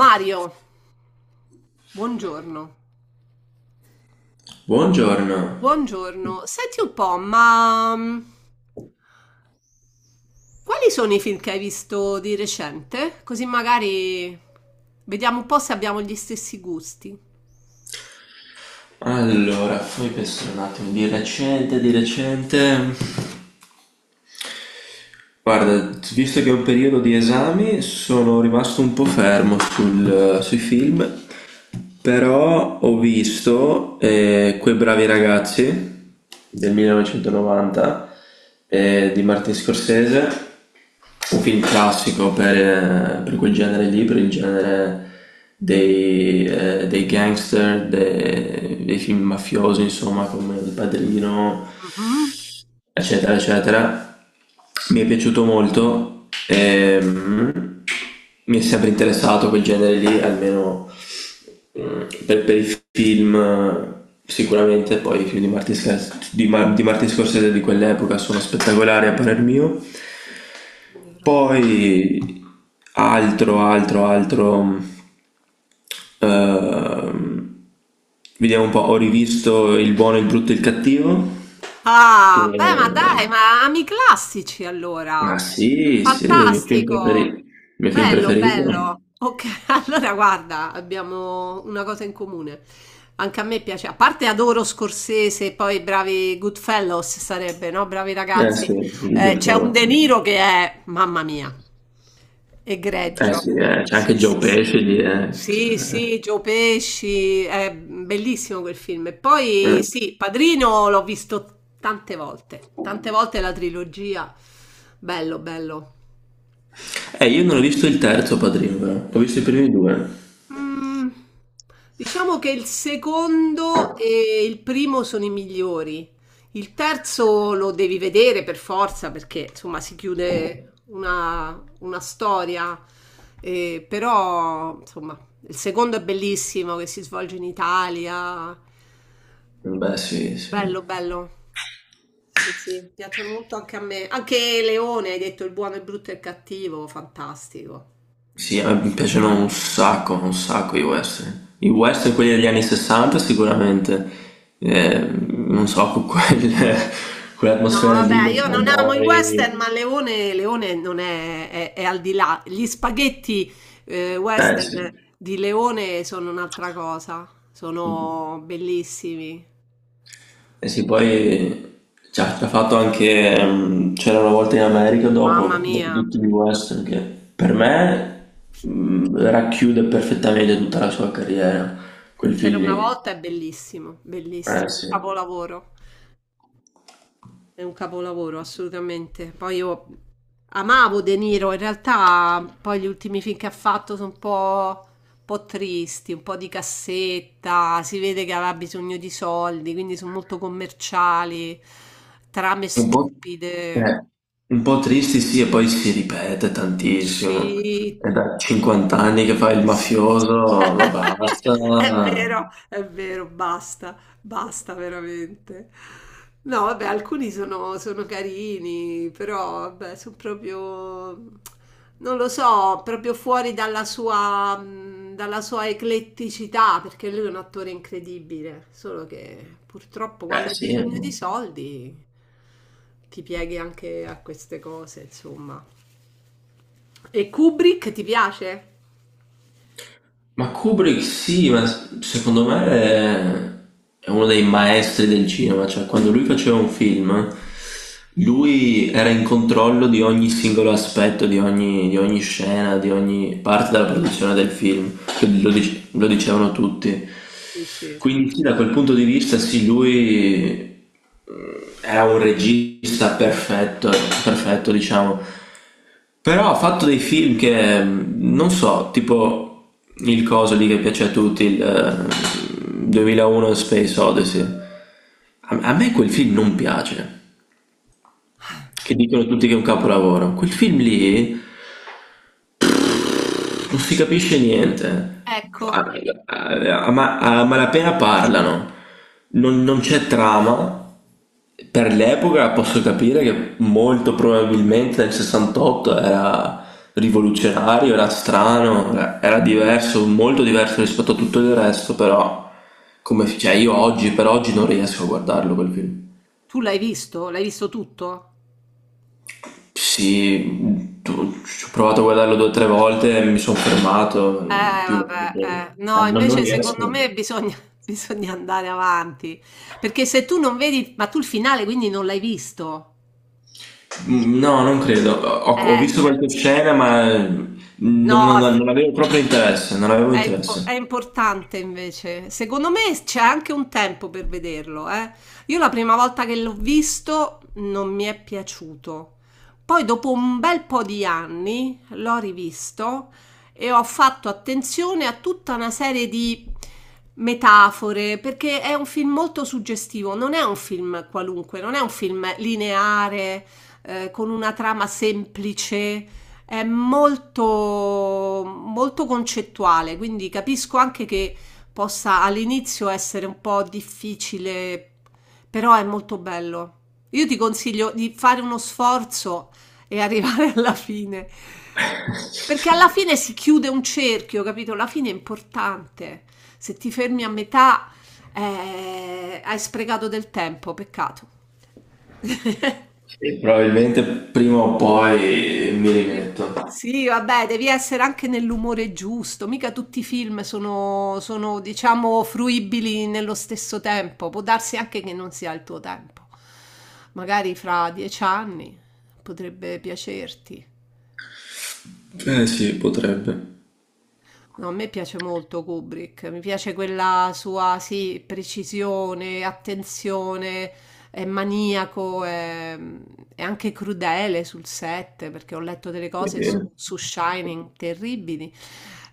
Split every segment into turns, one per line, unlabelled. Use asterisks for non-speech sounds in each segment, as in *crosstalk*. Mario, buongiorno.
Buongiorno.
Buongiorno. Senti un po', ma quali sono i film che hai visto di recente? Così magari vediamo un po' se abbiamo gli stessi gusti.
Allora, fammi pensare un attimo, di recente... Guarda, visto che è un periodo di esami, sono rimasto un po' fermo sui film, però ho visto Quei bravi ragazzi del 1990, di Martin Scorsese, un film classico per quel genere lì, per il genere dei gangster, dei film mafiosi, insomma, come Il Padrino,
Mhm.
eccetera, eccetera. Mi è piaciuto molto, mi è sempre interessato quel genere lì, almeno per i film sicuramente. Poi i film di Martin Scorsese di quell'epoca sono spettacolari a parer mio. Poi altro, altro, altro... mm, ehm, vediamo un po', ho rivisto Il buono, il brutto e il cattivo, che
Ah, beh, ma dai, ma ami i classici allora.
ma sì, sì, il mio film preferito.
Fantastico.
Il mio film
Bello,
preferito?
bello. Ok, *laughs* allora guarda, abbiamo una cosa in comune. Anche a me piace, a parte adoro Scorsese, e poi bravi Goodfellows sarebbe, no? Bravi
Eh
ragazzi.
sì, il
C'è un
Goodfellas.
De Niro che è, mamma mia,
Eh sì,
egregio.
c'è anche
Sì, sì,
Joe
sì.
Pesci lì, eh. Cioè,
Sì, sì, Joe Pesci, è bellissimo quel film. E poi
eh.
sì, Padrino l'ho visto tante volte la trilogia. Bello, bello.
Io non ho visto il terzo Padrino, però. Ho visto i primi due.
Mm, diciamo che il secondo e il primo sono i migliori. Il terzo lo devi vedere per forza perché insomma si chiude una storia, eh, però insomma il secondo è bellissimo che si svolge in Italia.
Beh, sì, sì.
Bello, bello. Sì, sì, piacciono molto anche a me. Anche Leone, hai detto il buono, il brutto e il cattivo, fantastico.
Sì, mi piacciono un sacco i western. I western, quelli degli anni 60 sicuramente. Eh, non so, con *laughs*
No,
quell'atmosfera
vabbè,
lì dei
io non amo i
cowboy.
western, ma Leone, Leone non è al di là. Gli spaghetti
Eh sì.
western di Leone sono un'altra cosa, sono bellissimi.
Eh sì, poi ci ha fatto anche, c'era una volta in America
Mamma
dopo, dopo
mia,
tutti gli western, che per me racchiude perfettamente tutta la sua carriera, quel
c'era
film
una
lì.
volta, è bellissimo,
Eh
bellissimo, un
sì.
capolavoro. È un capolavoro, assolutamente. Poi io amavo De Niro, in realtà poi gli ultimi film che ha fatto sono un po' tristi, un po' di cassetta, si vede che aveva bisogno di soldi, quindi sono molto commerciali, trame
Un po',
stupide.
eh, un po' tristi sì, e poi si ripete tantissimo.
Sì,
È da 50 anni che fa il mafioso, ma
*laughs*
basta.
è vero, è vero, basta, basta veramente. No, vabbè, alcuni sono carini, però vabbè, sono proprio, non lo so, proprio fuori dalla sua ecletticità, perché lui è un attore incredibile, solo che purtroppo
Eh
quando hai
sì.
bisogno di soldi ti pieghi anche a queste cose, insomma. E Kubrick ti piace?
Ma Kubrick sì, ma secondo me è uno dei maestri del cinema, cioè quando lui faceva un film, lui era in controllo di ogni singolo aspetto, di ogni scena, di ogni parte della produzione del film. Cioè, lo dicevano tutti.
Sì, sì.
Quindi sì, da quel punto di vista sì, lui mm, è un regista perfetto, perfetto diciamo. Però ha fatto dei film che, non so, tipo il coso lì che piace a tutti, il 2001 Space Odyssey. A me quel film non piace, che dicono tutti che è un capolavoro. Quel film lì non si capisce niente.
Ecco,
A, a malapena parlano. Non c'è trama. Per l'epoca posso capire che molto probabilmente nel 68 era rivoluzionario, era strano, era diverso, molto diverso rispetto a tutto il resto, però come, cioè io oggi per oggi non riesco a guardarlo quel film.
tu l'hai visto? L'hai visto tutto?
Sì, ci ho provato a guardarlo due o tre volte e mi sono fermato. Più, eh,
Vabbè, eh. No,
non, non
invece
riesco.
secondo me bisogna, *laughs* bisogna andare avanti. Perché se tu non vedi, ma tu il finale quindi non l'hai visto.
No, non credo. Ho visto qualche
Eh.
scena, ma
No,
non avevo proprio interesse, non avevo
è
interesse.
importante invece. Secondo me c'è anche un tempo per vederlo, eh. Io la prima volta che l'ho visto non mi è piaciuto. Poi dopo un bel po' di anni l'ho rivisto e ho fatto attenzione a tutta una serie di metafore, perché è un film molto suggestivo, non è un film qualunque, non è un film lineare, con una trama semplice è molto, molto concettuale, quindi capisco anche che possa all'inizio essere un po' difficile, però è molto bello. Io ti consiglio di fare uno sforzo e *laughs* arrivare alla fine, perché alla fine si chiude un cerchio, capito? La fine è importante. Se ti fermi a metà, hai sprecato del tempo, peccato. *laughs*
E probabilmente prima o poi mi
Pri
rimetto.
sì, vabbè, devi essere anche nell'umore giusto, mica tutti i film sono, diciamo, fruibili nello stesso tempo. Può darsi anche che non sia il tuo tempo. Magari fra 10 anni potrebbe piacerti.
Eh sì, potrebbe.
No, a me piace molto Kubrick, mi piace quella sua, sì, precisione, attenzione, è maniaco, è anche crudele sul set, perché ho letto delle cose su,
Eh,
su Shining terribili,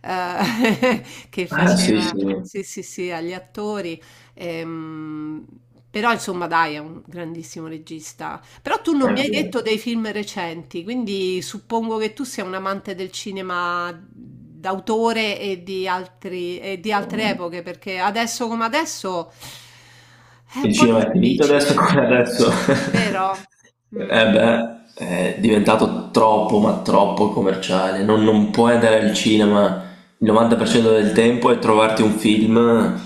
eh, *laughs* che
ah sì,
faceva,
sì.
sì, sì, sì, agli attori. Ehm, però, insomma, dai, è un grandissimo regista. Però tu non mi hai
Anche
detto dei film recenti, quindi suppongo che tu sia un amante del cinema d'autore e di altre epoche, perché adesso come adesso è un
il
po'
cinema è finito adesso
difficile,
come adesso. *laughs*
vero?
Eh
Mm.
beh, è diventato troppo, ma troppo commerciale. Non puoi andare al cinema il 90% del tempo e trovarti un film.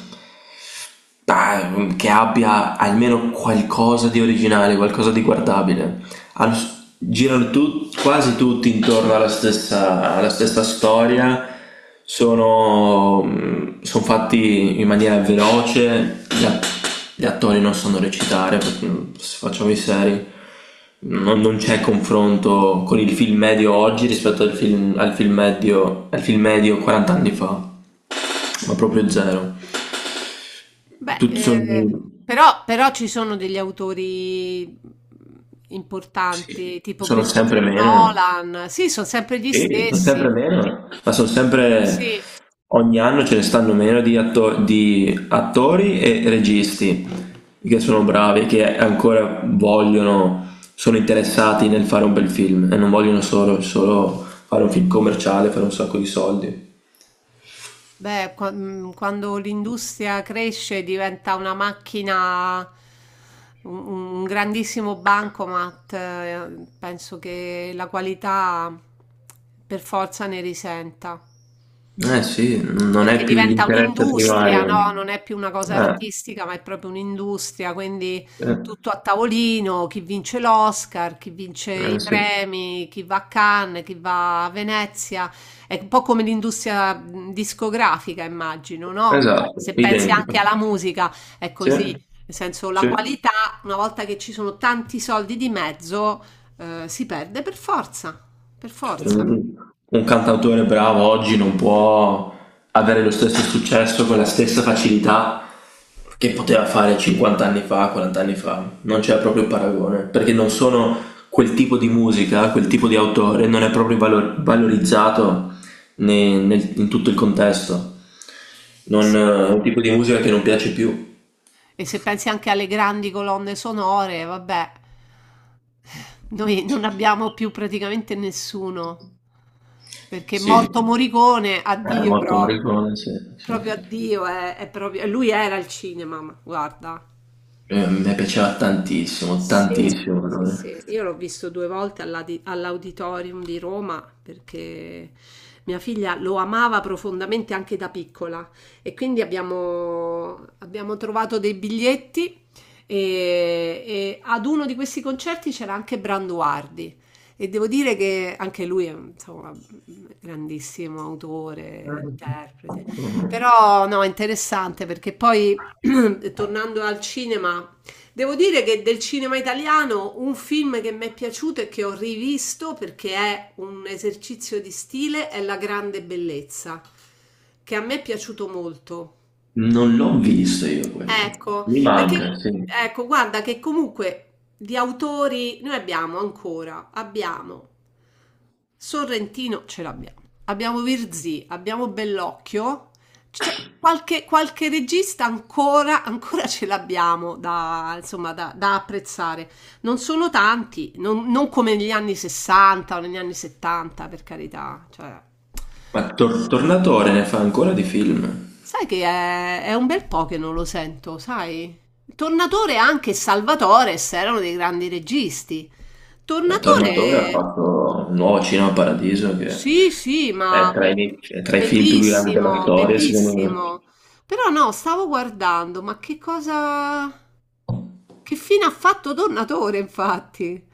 Che abbia almeno qualcosa di originale, qualcosa di guardabile. Hanno s- girano tu- quasi tutti intorno alla stessa storia, sono fatti in maniera veloce, gli attori non sanno recitare, perché, se facciamo i seri, non c'è confronto con il film medio oggi rispetto al film medio 40 anni fa, ma proprio zero.
Beh,
Tutti sono
però ci sono degli autori
sì,
importanti, tipo
sono sempre
Christopher
meno.
Nolan, sì, sono sempre gli
Sì, sono sempre
stessi,
meno, ma sono sempre
sì.
ogni anno ce ne stanno meno di, di attori e registi che sono bravi, che ancora vogliono, sono interessati nel fare un bel film e non vogliono solo fare un film commerciale, fare un sacco di soldi.
Beh, quando l'industria cresce diventa una macchina, un, un grandissimo bancomat, penso che la qualità per forza ne risenta
Eh sì, non
perché
è più
diventa
l'interesse
un'industria,
primario.
no? Non è più una cosa artistica, ma è proprio un'industria, quindi
Eh,
tutto a tavolino, chi vince l'Oscar, chi vince i
eh sì.
premi, chi va a Cannes, chi va a Venezia, è un po' come l'industria discografica, immagino, no?
Esatto,
Se pensi
identico.
anche alla musica, è
Sì,
così, nel senso la
sì.
qualità, una volta che ci sono tanti soldi di mezzo, si perde per forza, per forza.
Un, un cantautore bravo oggi non può avere lo stesso successo con la stessa facilità che poteva fare 50 anni fa, 40 anni fa. Non c'è proprio paragone, perché non sono quel tipo di musica, quel tipo di autore, non è proprio valorizzato in tutto il contesto. Non,
Sì.
è un tipo di musica che non piace più.
E se pensi anche alle grandi colonne sonore, vabbè, noi non abbiamo più praticamente nessuno, perché morto
Sì.
Morricone,
Era
addio
molto
proprio,
Morricone, sì, sì,
proprio
sì.
addio, è proprio, lui era il cinema, ma guarda.
Mi piaceva tantissimo,
Sì,
tantissimo.
sì,
Allora.
sì, io l'ho visto due volte all'auditorium di Roma perché mia figlia lo amava profondamente anche da piccola e quindi abbiamo trovato dei biglietti e ad uno di questi concerti c'era anche Branduardi e devo dire che anche lui è insomma, un grandissimo autore, interprete,
Mm.
però no, è interessante perché poi *clears throat* tornando al cinema... Devo dire che del cinema italiano un film che mi è piaciuto e che ho rivisto perché è un esercizio di stile è La grande bellezza, che a me è piaciuto molto.
Non l'ho visto io quello.
Ecco,
Mi
perché
manca, sì.
ecco, guarda che comunque di autori noi abbiamo ancora, abbiamo Sorrentino ce l'abbiamo. Abbiamo Virzì, abbiamo Bellocchio. C'è qualche regista ancora, ancora ce l'abbiamo da, insomma, da apprezzare. Non sono tanti, non come negli anni 60 o negli anni 70, per carità. Cioè,
Ma Tornatore ne fa ancora di film.
sai che è un bel po' che non lo sento, sai? Tornatore e anche Salvatore erano dei grandi registi.
La Tornatore ha
Tornatore.
fatto un nuovo Cinema Paradiso che
Sì, sì, ma
è tra i film più grandi della
bellissimo,
storia, secondo me.
bellissimo. Però no, stavo guardando, ma che cosa... Che fine ha fatto Tornatore, infatti?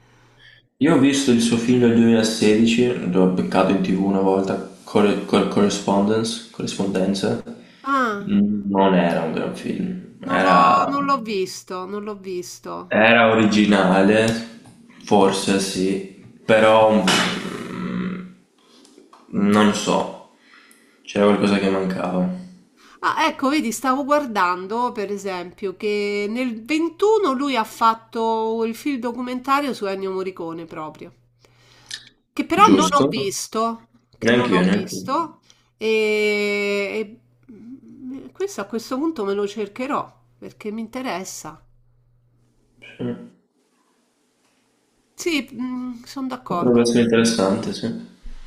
Io ho visto il suo film del 2016, l'ho beccato in TV una volta, Correspondence, Corrispondenza.
Ah,
Non era un gran film,
non l'ho
era
non l'ho visto, non l'ho visto.
era originale, forse sì, però non so, c'era qualcosa che mancava,
Ah, ecco, vedi, stavo guardando per esempio che nel 21 lui ha fatto il film documentario su Ennio Morricone proprio, che però non ho
giusto?
visto, che non
Neanche io,
ho
neanche io.
visto, e, e questo a questo punto me lo cercherò perché mi interessa.
Sì.
Sì, sono
Potrebbe
d'accordo.
essere interessante, sì.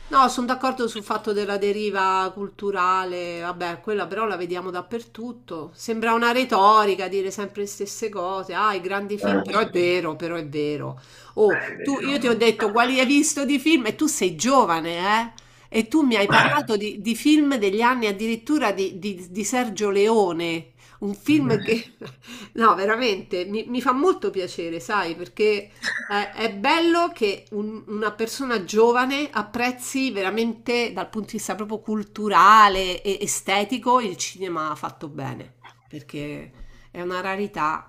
No, sono d'accordo sul fatto della deriva culturale, vabbè, quella però la vediamo dappertutto. Sembra una retorica dire sempre le stesse cose. Ah, i grandi film, però
Sì.
è vero, però è vero. Oh,
È
tu, io ti ho
vero.
detto quali hai visto di film e tu sei giovane, eh? E tu mi hai parlato di film degli anni addirittura di Sergio Leone, un film che... *laughs* No, veramente, mi fa molto piacere, sai, perché... è bello che una persona giovane apprezzi veramente dal punto di vista proprio culturale e estetico il cinema fatto bene, perché è una rarità.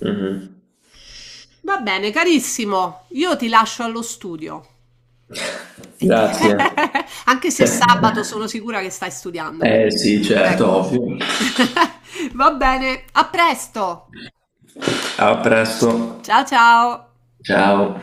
Mhm.
Va bene, carissimo, io ti lascio allo studio. E ti-
Grazie.
*laughs* Anche se è
*laughs*
sabato sono sicura che stai studiando,
Eh
quindi.
sì, certo,
Ecco.
ovvio.
*laughs* Va bene, a presto.
A presto.
Ciao ciao.
Ciao.